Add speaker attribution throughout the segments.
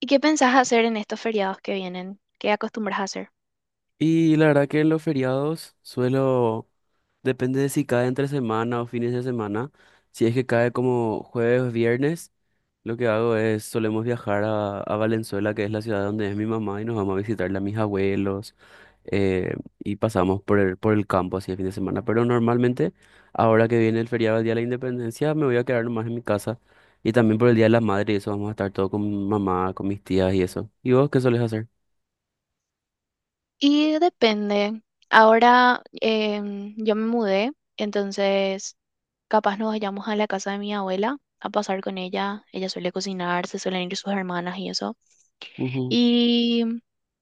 Speaker 1: ¿Y qué pensás hacer en estos feriados que vienen? ¿Qué acostumbras a hacer?
Speaker 2: Y la verdad que en los feriados suelo, depende de si cae entre semana o fines de semana. Si es que cae como jueves o viernes, lo que hago es solemos viajar a Valenzuela, que es la ciudad donde es mi mamá, y nos vamos a visitarle a mis abuelos eh, y pasamos por el campo así el fin de semana. Pero normalmente, ahora que viene el feriado del Día de la Independencia, me voy a quedar nomás en mi casa. Y también por el Día de la Madre, y eso vamos a estar todo con mi mamá, con mis tías y eso. ¿Y vos qué sueles hacer?
Speaker 1: Y depende. Ahora yo me mudé, entonces capaz nos vayamos a la casa de mi abuela a pasar con ella. Ella suele cocinar, se suelen ir sus hermanas y eso.
Speaker 2: Ujú.
Speaker 1: Y,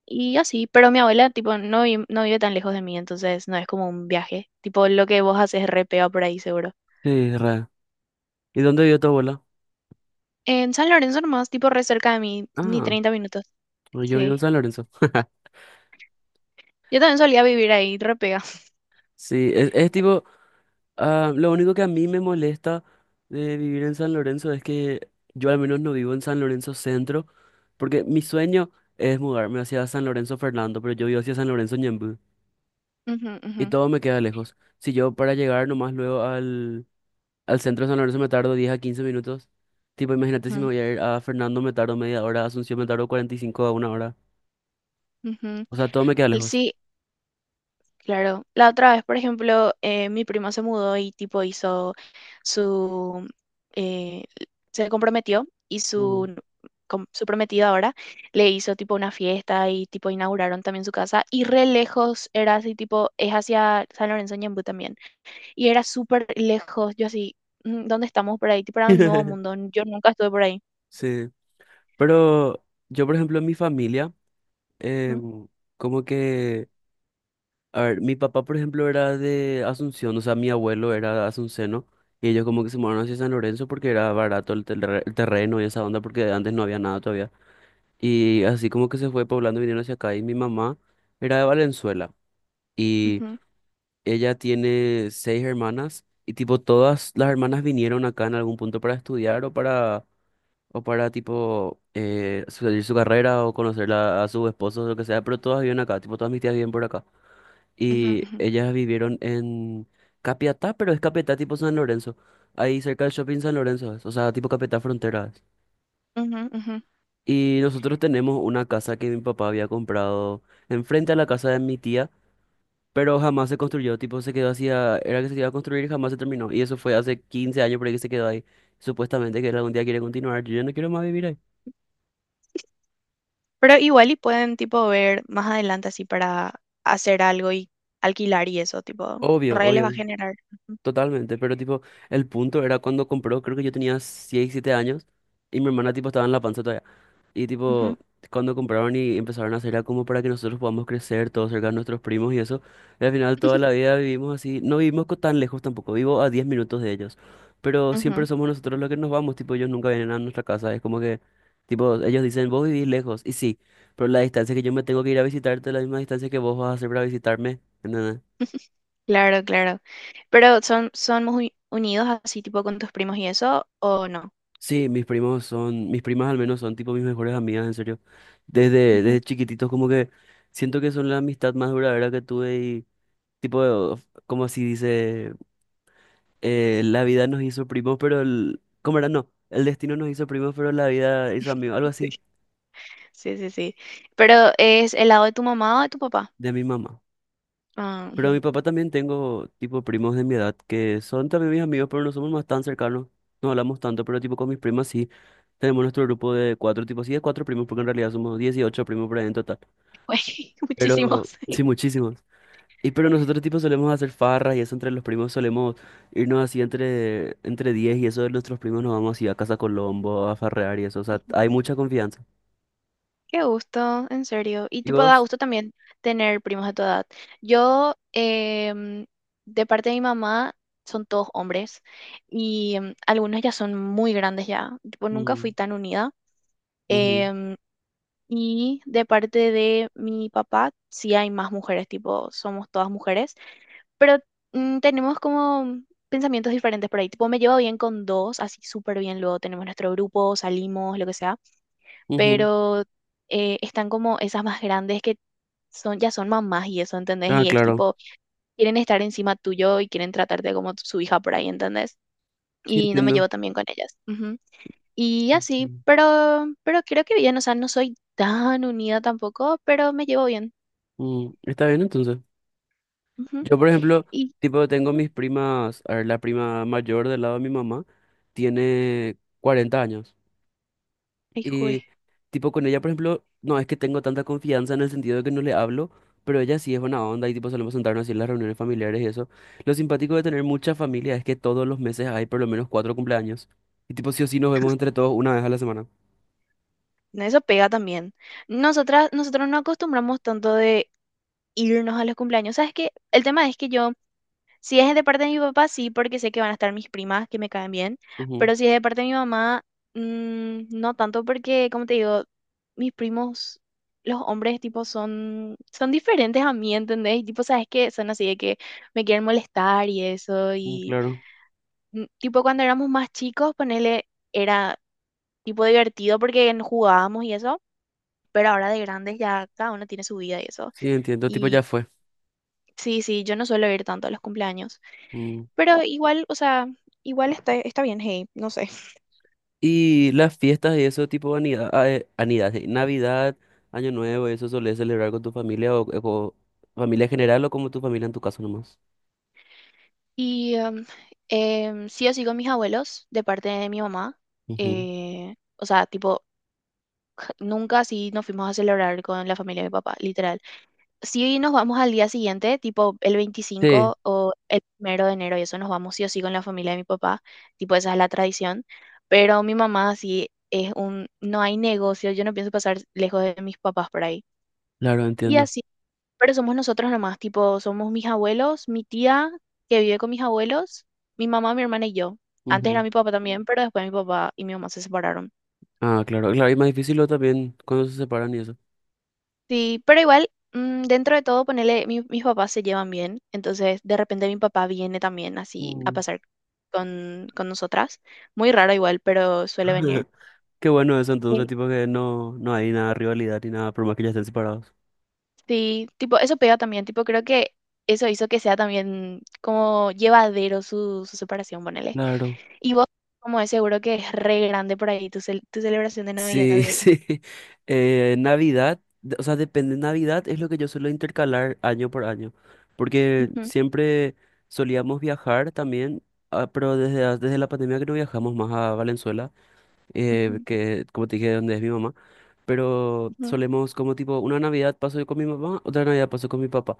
Speaker 1: y así, pero mi abuela tipo no, no vive tan lejos de mí, entonces no es como un viaje. Tipo lo que vos haces es re pega por ahí seguro.
Speaker 2: Sí, re. ¿Y dónde vive tu abuela?
Speaker 1: En San Lorenzo nomás, tipo re cerca de mí, ni
Speaker 2: Ah,
Speaker 1: 30 minutos.
Speaker 2: pues yo vivo en
Speaker 1: Sí.
Speaker 2: San Lorenzo.
Speaker 1: Yo también solía vivir ahí, re pega.
Speaker 2: Sí, es tipo, ah, lo único que a mí me molesta de vivir en San Lorenzo es que yo al menos no vivo en San Lorenzo Centro, porque mi sueño es mudarme hacia San Lorenzo Fernando, pero yo vivo hacia San Lorenzo Ñemby y todo me queda lejos. Si yo para llegar nomás luego al centro de San Lorenzo me tardo 10 a 15 minutos, tipo imagínate si me
Speaker 1: Ujú,
Speaker 2: voy a ir a Fernando me tardo media hora, a Asunción me tardo 45 a una hora,
Speaker 1: ujú.
Speaker 2: o sea, todo me queda lejos.
Speaker 1: Sí, claro. La otra vez, por ejemplo, mi prima se mudó y tipo hizo su... eh, se comprometió y
Speaker 2: Ujú.
Speaker 1: su prometido ahora le hizo tipo una fiesta y tipo inauguraron también su casa y re lejos era así tipo, es hacia San Lorenzo Ñemby también y era súper lejos, yo así, "Mm, ¿dónde estamos por ahí? Tipo era un nuevo mundo, yo nunca estuve por ahí.
Speaker 2: Sí. Pero yo, por ejemplo, en mi familia,
Speaker 1: Ujú,
Speaker 2: em, como que, a ver, mi papá, por ejemplo, era de Asunción, o sea, mi abuelo era asunceno, y ellos como que se mudaron hacia San Lorenzo porque era barato el terreno y esa onda, porque antes no había nada todavía. Y así como que se fue poblando, vinieron hacia acá, y mi mamá era de Valenzuela, y
Speaker 1: ujú,
Speaker 2: ella tiene seis hermanas, y tipo todas las hermanas vinieron acá en algún punto para estudiar o para tipo seguir su carrera o conocerla a su esposo o lo que sea, pero todas viven acá, tipo todas mis tías viven por acá.
Speaker 1: ujú,
Speaker 2: Y
Speaker 1: ujú,
Speaker 2: ellas vivieron en Capiatá, pero es Capiatá tipo San Lorenzo, ahí cerca del shopping San Lorenzo, es, o sea, tipo Capiatá Frontera. Es.
Speaker 1: ujú, ujú.
Speaker 2: Y nosotros tenemos una casa que mi papá había comprado enfrente a la casa de mi tía, pero jamás se construyó, tipo se quedó así, era que se iba a construir y jamás se terminó. Y eso fue hace 15 años por ahí que se quedó ahí. Supuestamente que él algún día quiere continuar, yo ya no quiero más vivir ahí.
Speaker 1: Pero igual y pueden tipo ver más adelante así para hacer algo y alquilar y eso, tipo,
Speaker 2: Obvio,
Speaker 1: re les va a
Speaker 2: obvio.
Speaker 1: generar.
Speaker 2: Totalmente, pero tipo, el punto era cuando compró, creo que yo tenía 6, 7 años y mi hermana tipo estaba en la panza todavía. Y
Speaker 1: Ujú,
Speaker 2: tipo,
Speaker 1: ujú,
Speaker 2: cuando compraron y empezaron a hacer era como para que nosotros podamos crecer todos cerca de nuestros primos y eso. Y al final toda la vida vivimos así, no vivimos tan lejos tampoco, vivo a 10 minutos de ellos. Pero siempre
Speaker 1: ujú.
Speaker 2: somos nosotros los que nos vamos, tipo, ellos nunca vienen a nuestra casa, es como que, tipo, ellos dicen, vos vivís lejos, y sí, pero la distancia que yo me tengo que ir a visitarte es la misma distancia que vos vas a hacer para visitarme.
Speaker 1: Claro, claro. Pero son muy unidos así tipo con tus primos y eso, ¿o no?
Speaker 2: Sí, mis primos son, mis primas al menos son tipo mis mejores amigas, en serio. Desde,
Speaker 1: Ujú.
Speaker 2: desde chiquititos como que siento que son la amistad más duradera que tuve y tipo, como así dice, la vida nos hizo primos, pero el, ¿cómo era? No, el destino nos hizo primos, pero la vida hizo amigos, algo así,
Speaker 1: Sí, sí, sí, sí. Pero ¿es el lado de tu mamá o de tu papá?
Speaker 2: de mi mamá.
Speaker 1: Ah,
Speaker 2: Pero a mi
Speaker 1: ujú.
Speaker 2: papá también tengo tipo primos de mi edad que son también mis amigos, pero no somos más tan cercanos, no hablamos tanto, pero tipo con mis primas sí. Tenemos nuestro grupo de cuatro, tipo sí, de cuatro primos, porque en realidad somos 18 primos por ahí en total. Pero
Speaker 1: Muchísimos.
Speaker 2: sí, muchísimos. Y pero nosotros tipo solemos hacer farras y eso entre los primos solemos irnos así entre 10 y eso de nuestros primos nos vamos así a Casa Colombo a farrear y eso, o sea, hay mucha confianza.
Speaker 1: Qué gusto, en serio. Y
Speaker 2: ¿Y
Speaker 1: tipo, da
Speaker 2: vos?
Speaker 1: gusto también tener primos de tu edad. Yo, de parte de mi mamá, son todos hombres y algunos ya son muy grandes ya. Tipo, nunca
Speaker 2: Mm,
Speaker 1: fui tan unida.
Speaker 2: ujú,
Speaker 1: Em, y de parte de mi papá, sí hay más mujeres, tipo, somos todas mujeres, pero tenemos como pensamientos diferentes por ahí. Tipo, me llevo bien con dos, así súper bien. Luego tenemos nuestro grupo, salimos, lo que sea,
Speaker 2: ujú.
Speaker 1: pero están como esas más grandes que son, ya son mamás y eso, ¿entendés?
Speaker 2: Ah,
Speaker 1: Y es
Speaker 2: claro.
Speaker 1: tipo, quieren estar encima tuyo y quieren tratarte como su hija por ahí, ¿entendés?
Speaker 2: Sí,
Speaker 1: Y no me
Speaker 2: entiendo.
Speaker 1: llevo tan bien con ellas. Ujú. Y así,
Speaker 2: Ujú.
Speaker 1: pero creo que bien, o sea, no soy tan unida tampoco, pero me llevo bien.
Speaker 2: Mm, está bien entonces.
Speaker 1: Ujú.
Speaker 2: Yo, por ejemplo,
Speaker 1: Y,
Speaker 2: tipo tengo
Speaker 1: ujú.
Speaker 2: mis primas, a ver, la prima mayor del lado de mi mamá tiene 40 años.
Speaker 1: Ay, jue,
Speaker 2: Y tipo con ella, por ejemplo, no es que tengo tanta confianza en el sentido de que no le hablo, pero ella sí es buena onda y tipo solemos sentarnos así en las reuniones familiares y eso. Lo simpático de tener mucha familia es que todos los meses hay por lo menos cuatro cumpleaños. Y tipo sí o sí nos vemos entre todos una vez a la semana.
Speaker 1: no, eso pega también. Nosotros no acostumbramos tanto de irnos a los cumpleaños. ¿Sabes qué? El tema es que yo Si es de parte de mi papá, sí, porque sé que van a estar mis primas que me caen bien,
Speaker 2: Ujú,
Speaker 1: pero si es de parte de mi mamá, no tanto porque, como te digo, mis primos, los hombres, tipo, son diferentes a mí, ¿entendés? Y tipo, sabes que son así de que me quieren molestar y eso,
Speaker 2: mm,
Speaker 1: y
Speaker 2: claro.
Speaker 1: tipo, cuando éramos más chicos, ponele, era tipo divertido porque jugábamos y eso, pero ahora de grandes ya cada uno tiene su vida y eso.
Speaker 2: Sí, entiendo, tipo
Speaker 1: Y
Speaker 2: ya fue.
Speaker 1: sí, sí, yo no suelo ir tanto a los cumpleaños.
Speaker 2: Mm.
Speaker 1: Pero igual, o sea, igual está bien, hey, no sé.
Speaker 2: Y las fiestas y eso, tipo anida, ah, anida, sí, Navidad, Año Nuevo, eso solés celebrar con tu familia o familia en general o como tu familia en tu caso nomás.
Speaker 1: Y sí o sí con mis abuelos, de parte de mi mamá.
Speaker 2: Ujú.
Speaker 1: O sea, tipo, nunca sí nos fuimos a celebrar con la familia de mi papá, literal. Sí nos vamos al día siguiente, tipo el
Speaker 2: Sí,
Speaker 1: 25 o el primero de enero, y eso nos vamos sí o sí con la familia de mi papá. Tipo, esa es la tradición. Pero mi mamá sí es un, no hay negocio, yo no pienso pasar lejos de mis papás por ahí.
Speaker 2: claro,
Speaker 1: Y
Speaker 2: entiendo.
Speaker 1: así. Pero somos nosotros nomás, tipo, somos mis abuelos, mi tía que vive con mis abuelos, mi mamá, mi hermana y yo. Antes era
Speaker 2: Ujú.
Speaker 1: mi papá también, pero después mi papá y mi mamá se separaron.
Speaker 2: Ah, claro, claro, y más difícil lo también cuando se separan y eso.
Speaker 1: Sí, pero igual, dentro de todo, ponele, mis papás se llevan bien, entonces de repente mi papá viene también así a
Speaker 2: Mm.
Speaker 1: pasar con nosotras. Muy raro igual, pero suele venir.
Speaker 2: Qué bueno eso, entonces,
Speaker 1: Sí.
Speaker 2: tipo que no, no hay nada de rivalidad ni nada, por más que ya estén separados.
Speaker 1: Sí, tipo, eso pega también, tipo, creo que eso hizo que sea también como llevadero su separación, ponele.
Speaker 2: Claro.
Speaker 1: Y vos, como es seguro que es re grande por ahí tu celebración de Navidad
Speaker 2: Sí,
Speaker 1: y eso.
Speaker 2: sí. Navidad, o sea, depende. Navidad es lo que yo suelo intercalar año por año, porque
Speaker 1: Ujú,
Speaker 2: siempre solíamos viajar también, ah, pero desde la pandemia que no viajamos más a Valenzuela,
Speaker 1: ujú,
Speaker 2: que como te dije, donde es mi mamá. Pero
Speaker 1: ujú,
Speaker 2: solemos como tipo, una Navidad paso yo con mi mamá, otra Navidad paso con mi papá.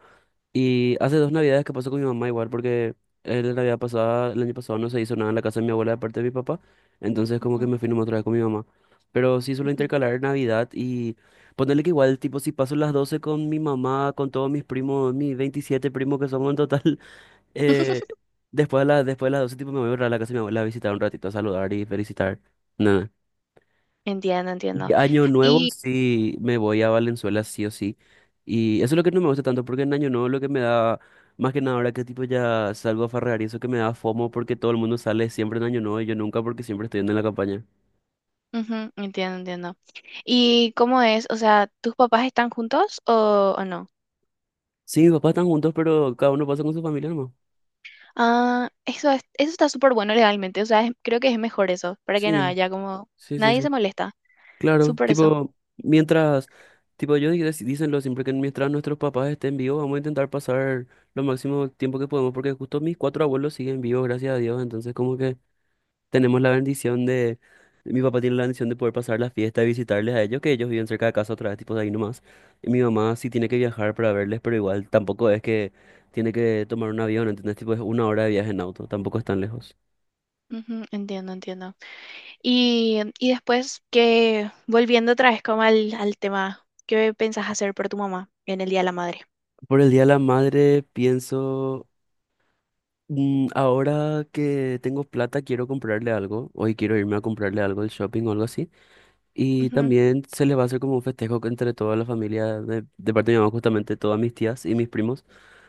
Speaker 2: Y hace dos Navidades que paso con mi mamá igual, porque la Navidad pasada, el año pasado no se hizo nada en la casa de mi abuela de parte de mi papá, entonces como que
Speaker 1: ujú,
Speaker 2: me fui nomás otra vez con mi mamá. Pero sí suelo
Speaker 1: ujú.
Speaker 2: intercalar Navidad y ponerle que igual, tipo, si paso las 12 con mi mamá, con todos mis primos, mis 27 primos que somos en total, eh, después de las 12 tipo me voy a ir a la casa de mi abuela a visitar un ratito, a saludar y felicitar. No,
Speaker 1: Entiendo,
Speaker 2: y
Speaker 1: entiendo.
Speaker 2: Año Nuevo
Speaker 1: Y,
Speaker 2: sí me voy a Valenzuela sí o sí. Y eso es lo que no me gusta tanto, porque en Año Nuevo lo que me da, más que nada ahora que tipo ya salgo a farrear y eso que me da FOMO porque todo el mundo sale siempre en Año Nuevo y yo nunca porque siempre estoy yendo en la campaña.
Speaker 1: ujú, entiendo, entiendo. ¿Y cómo es? O sea, ¿tus papás están juntos o no?
Speaker 2: Sí, mis papás están juntos, pero cada uno pasa con su familia nomás.
Speaker 1: Ah, eso está súper bueno legalmente. O sea, creo que es mejor eso, para que no
Speaker 2: Sí,
Speaker 1: haya como.
Speaker 2: sí, sí,
Speaker 1: Nadie
Speaker 2: sí.
Speaker 1: se molesta.
Speaker 2: Claro,
Speaker 1: Súper eso.
Speaker 2: tipo, mientras, tipo, yo dicenlo siempre que mientras nuestros papás estén vivos, vamos a intentar pasar lo máximo tiempo que podemos, porque justo mis cuatro abuelos siguen vivos, gracias a Dios, entonces como que... tenemos la bendición de, mi papá tiene la bendición de poder pasar la fiesta y visitarles a ellos, que ellos viven cerca de casa otra vez, tipo de ahí nomás. Y mi mamá sí tiene que viajar para verles, pero igual tampoco es que tiene que tomar un avión, ¿entendés? Tipo, es una hora de viaje en auto, tampoco es tan lejos.
Speaker 1: Ujú, entiendo, entiendo. Y después que, volviendo otra vez como al tema, ¿qué pensás hacer por tu mamá en el Día de la Madre?
Speaker 2: Por el Día de la Madre pienso, mm, ahora que tengo plata quiero comprarle algo, hoy quiero irme a comprarle algo del shopping o algo así. Y
Speaker 1: Ujú,
Speaker 2: también se les va a hacer como un festejo que entre toda la familia, de parte de mi mamá, justamente todas mis tías y mis primos.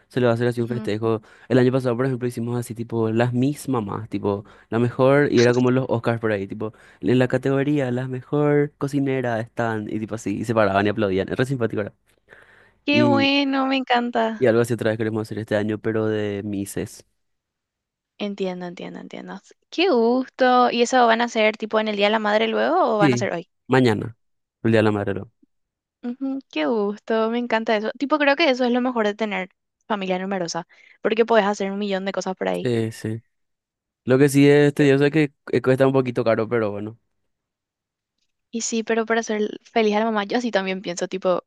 Speaker 2: Se le va a hacer así un
Speaker 1: ujú.
Speaker 2: festejo. El año pasado, por ejemplo, hicimos así, tipo, las mis mamás, tipo, la mejor, y era como los Oscars por ahí, tipo, en la categoría, las mejor cocinera están, y tipo así, y se paraban y aplaudían. Es re simpático, ¿verdad?
Speaker 1: Qué
Speaker 2: Y,
Speaker 1: bueno, me encanta.
Speaker 2: y algo así otra vez queremos hacer este año, pero de mises.
Speaker 1: Entiendo, entiendo, entiendo. Qué gusto. ¿Y eso van a ser tipo en el Día de la Madre luego o van a
Speaker 2: Sí,
Speaker 1: ser hoy?
Speaker 2: mañana, el Día de la Madre, ¿no?
Speaker 1: Ujú, qué gusto, me encanta eso. Tipo, creo que eso es lo mejor de tener familia numerosa, porque podés hacer un millón de cosas por ahí.
Speaker 2: Sí, sí. Lo que sí es
Speaker 1: Yo-
Speaker 2: tedioso es que cuesta un poquito caro, pero bueno.
Speaker 1: Y sí, pero para ser feliz a la mamá, yo así también pienso, tipo,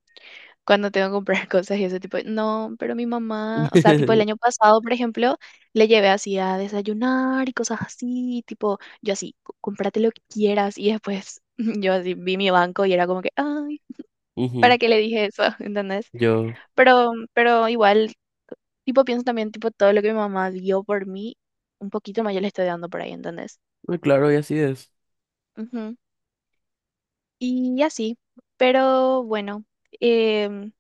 Speaker 1: cuando tengo que comprar cosas y ese tipo, no, pero mi mamá, o sea, tipo el año pasado, por ejemplo, le llevé así a desayunar y cosas así, tipo, yo así, cómprate lo que quieras", y después yo así vi mi banco y era como que, ay,
Speaker 2: Ujú,
Speaker 1: ¿para qué le dije eso? ¿Entendés?
Speaker 2: Yo,
Speaker 1: Pero igual, tipo, pienso también, tipo, todo lo que mi mamá dio por mí, un poquito más yo le estoy dando por ahí, ¿entendés?
Speaker 2: claro, y así es.
Speaker 1: Ujú. Y así, pero bueno, em,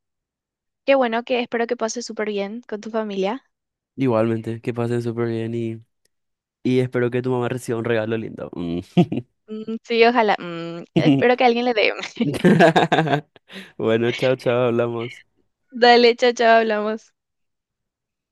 Speaker 1: qué bueno que espero que pases súper bien con tu familia.
Speaker 2: Igualmente, que pasen súper bien y... Y espero que tu mamá reciba un regalo lindo. Mm.
Speaker 1: Mm, sí, ojalá. Espero que alguien le dé.
Speaker 2: Bueno, chao, chao, hablamos.
Speaker 1: Dale, chao, chao, hablamos.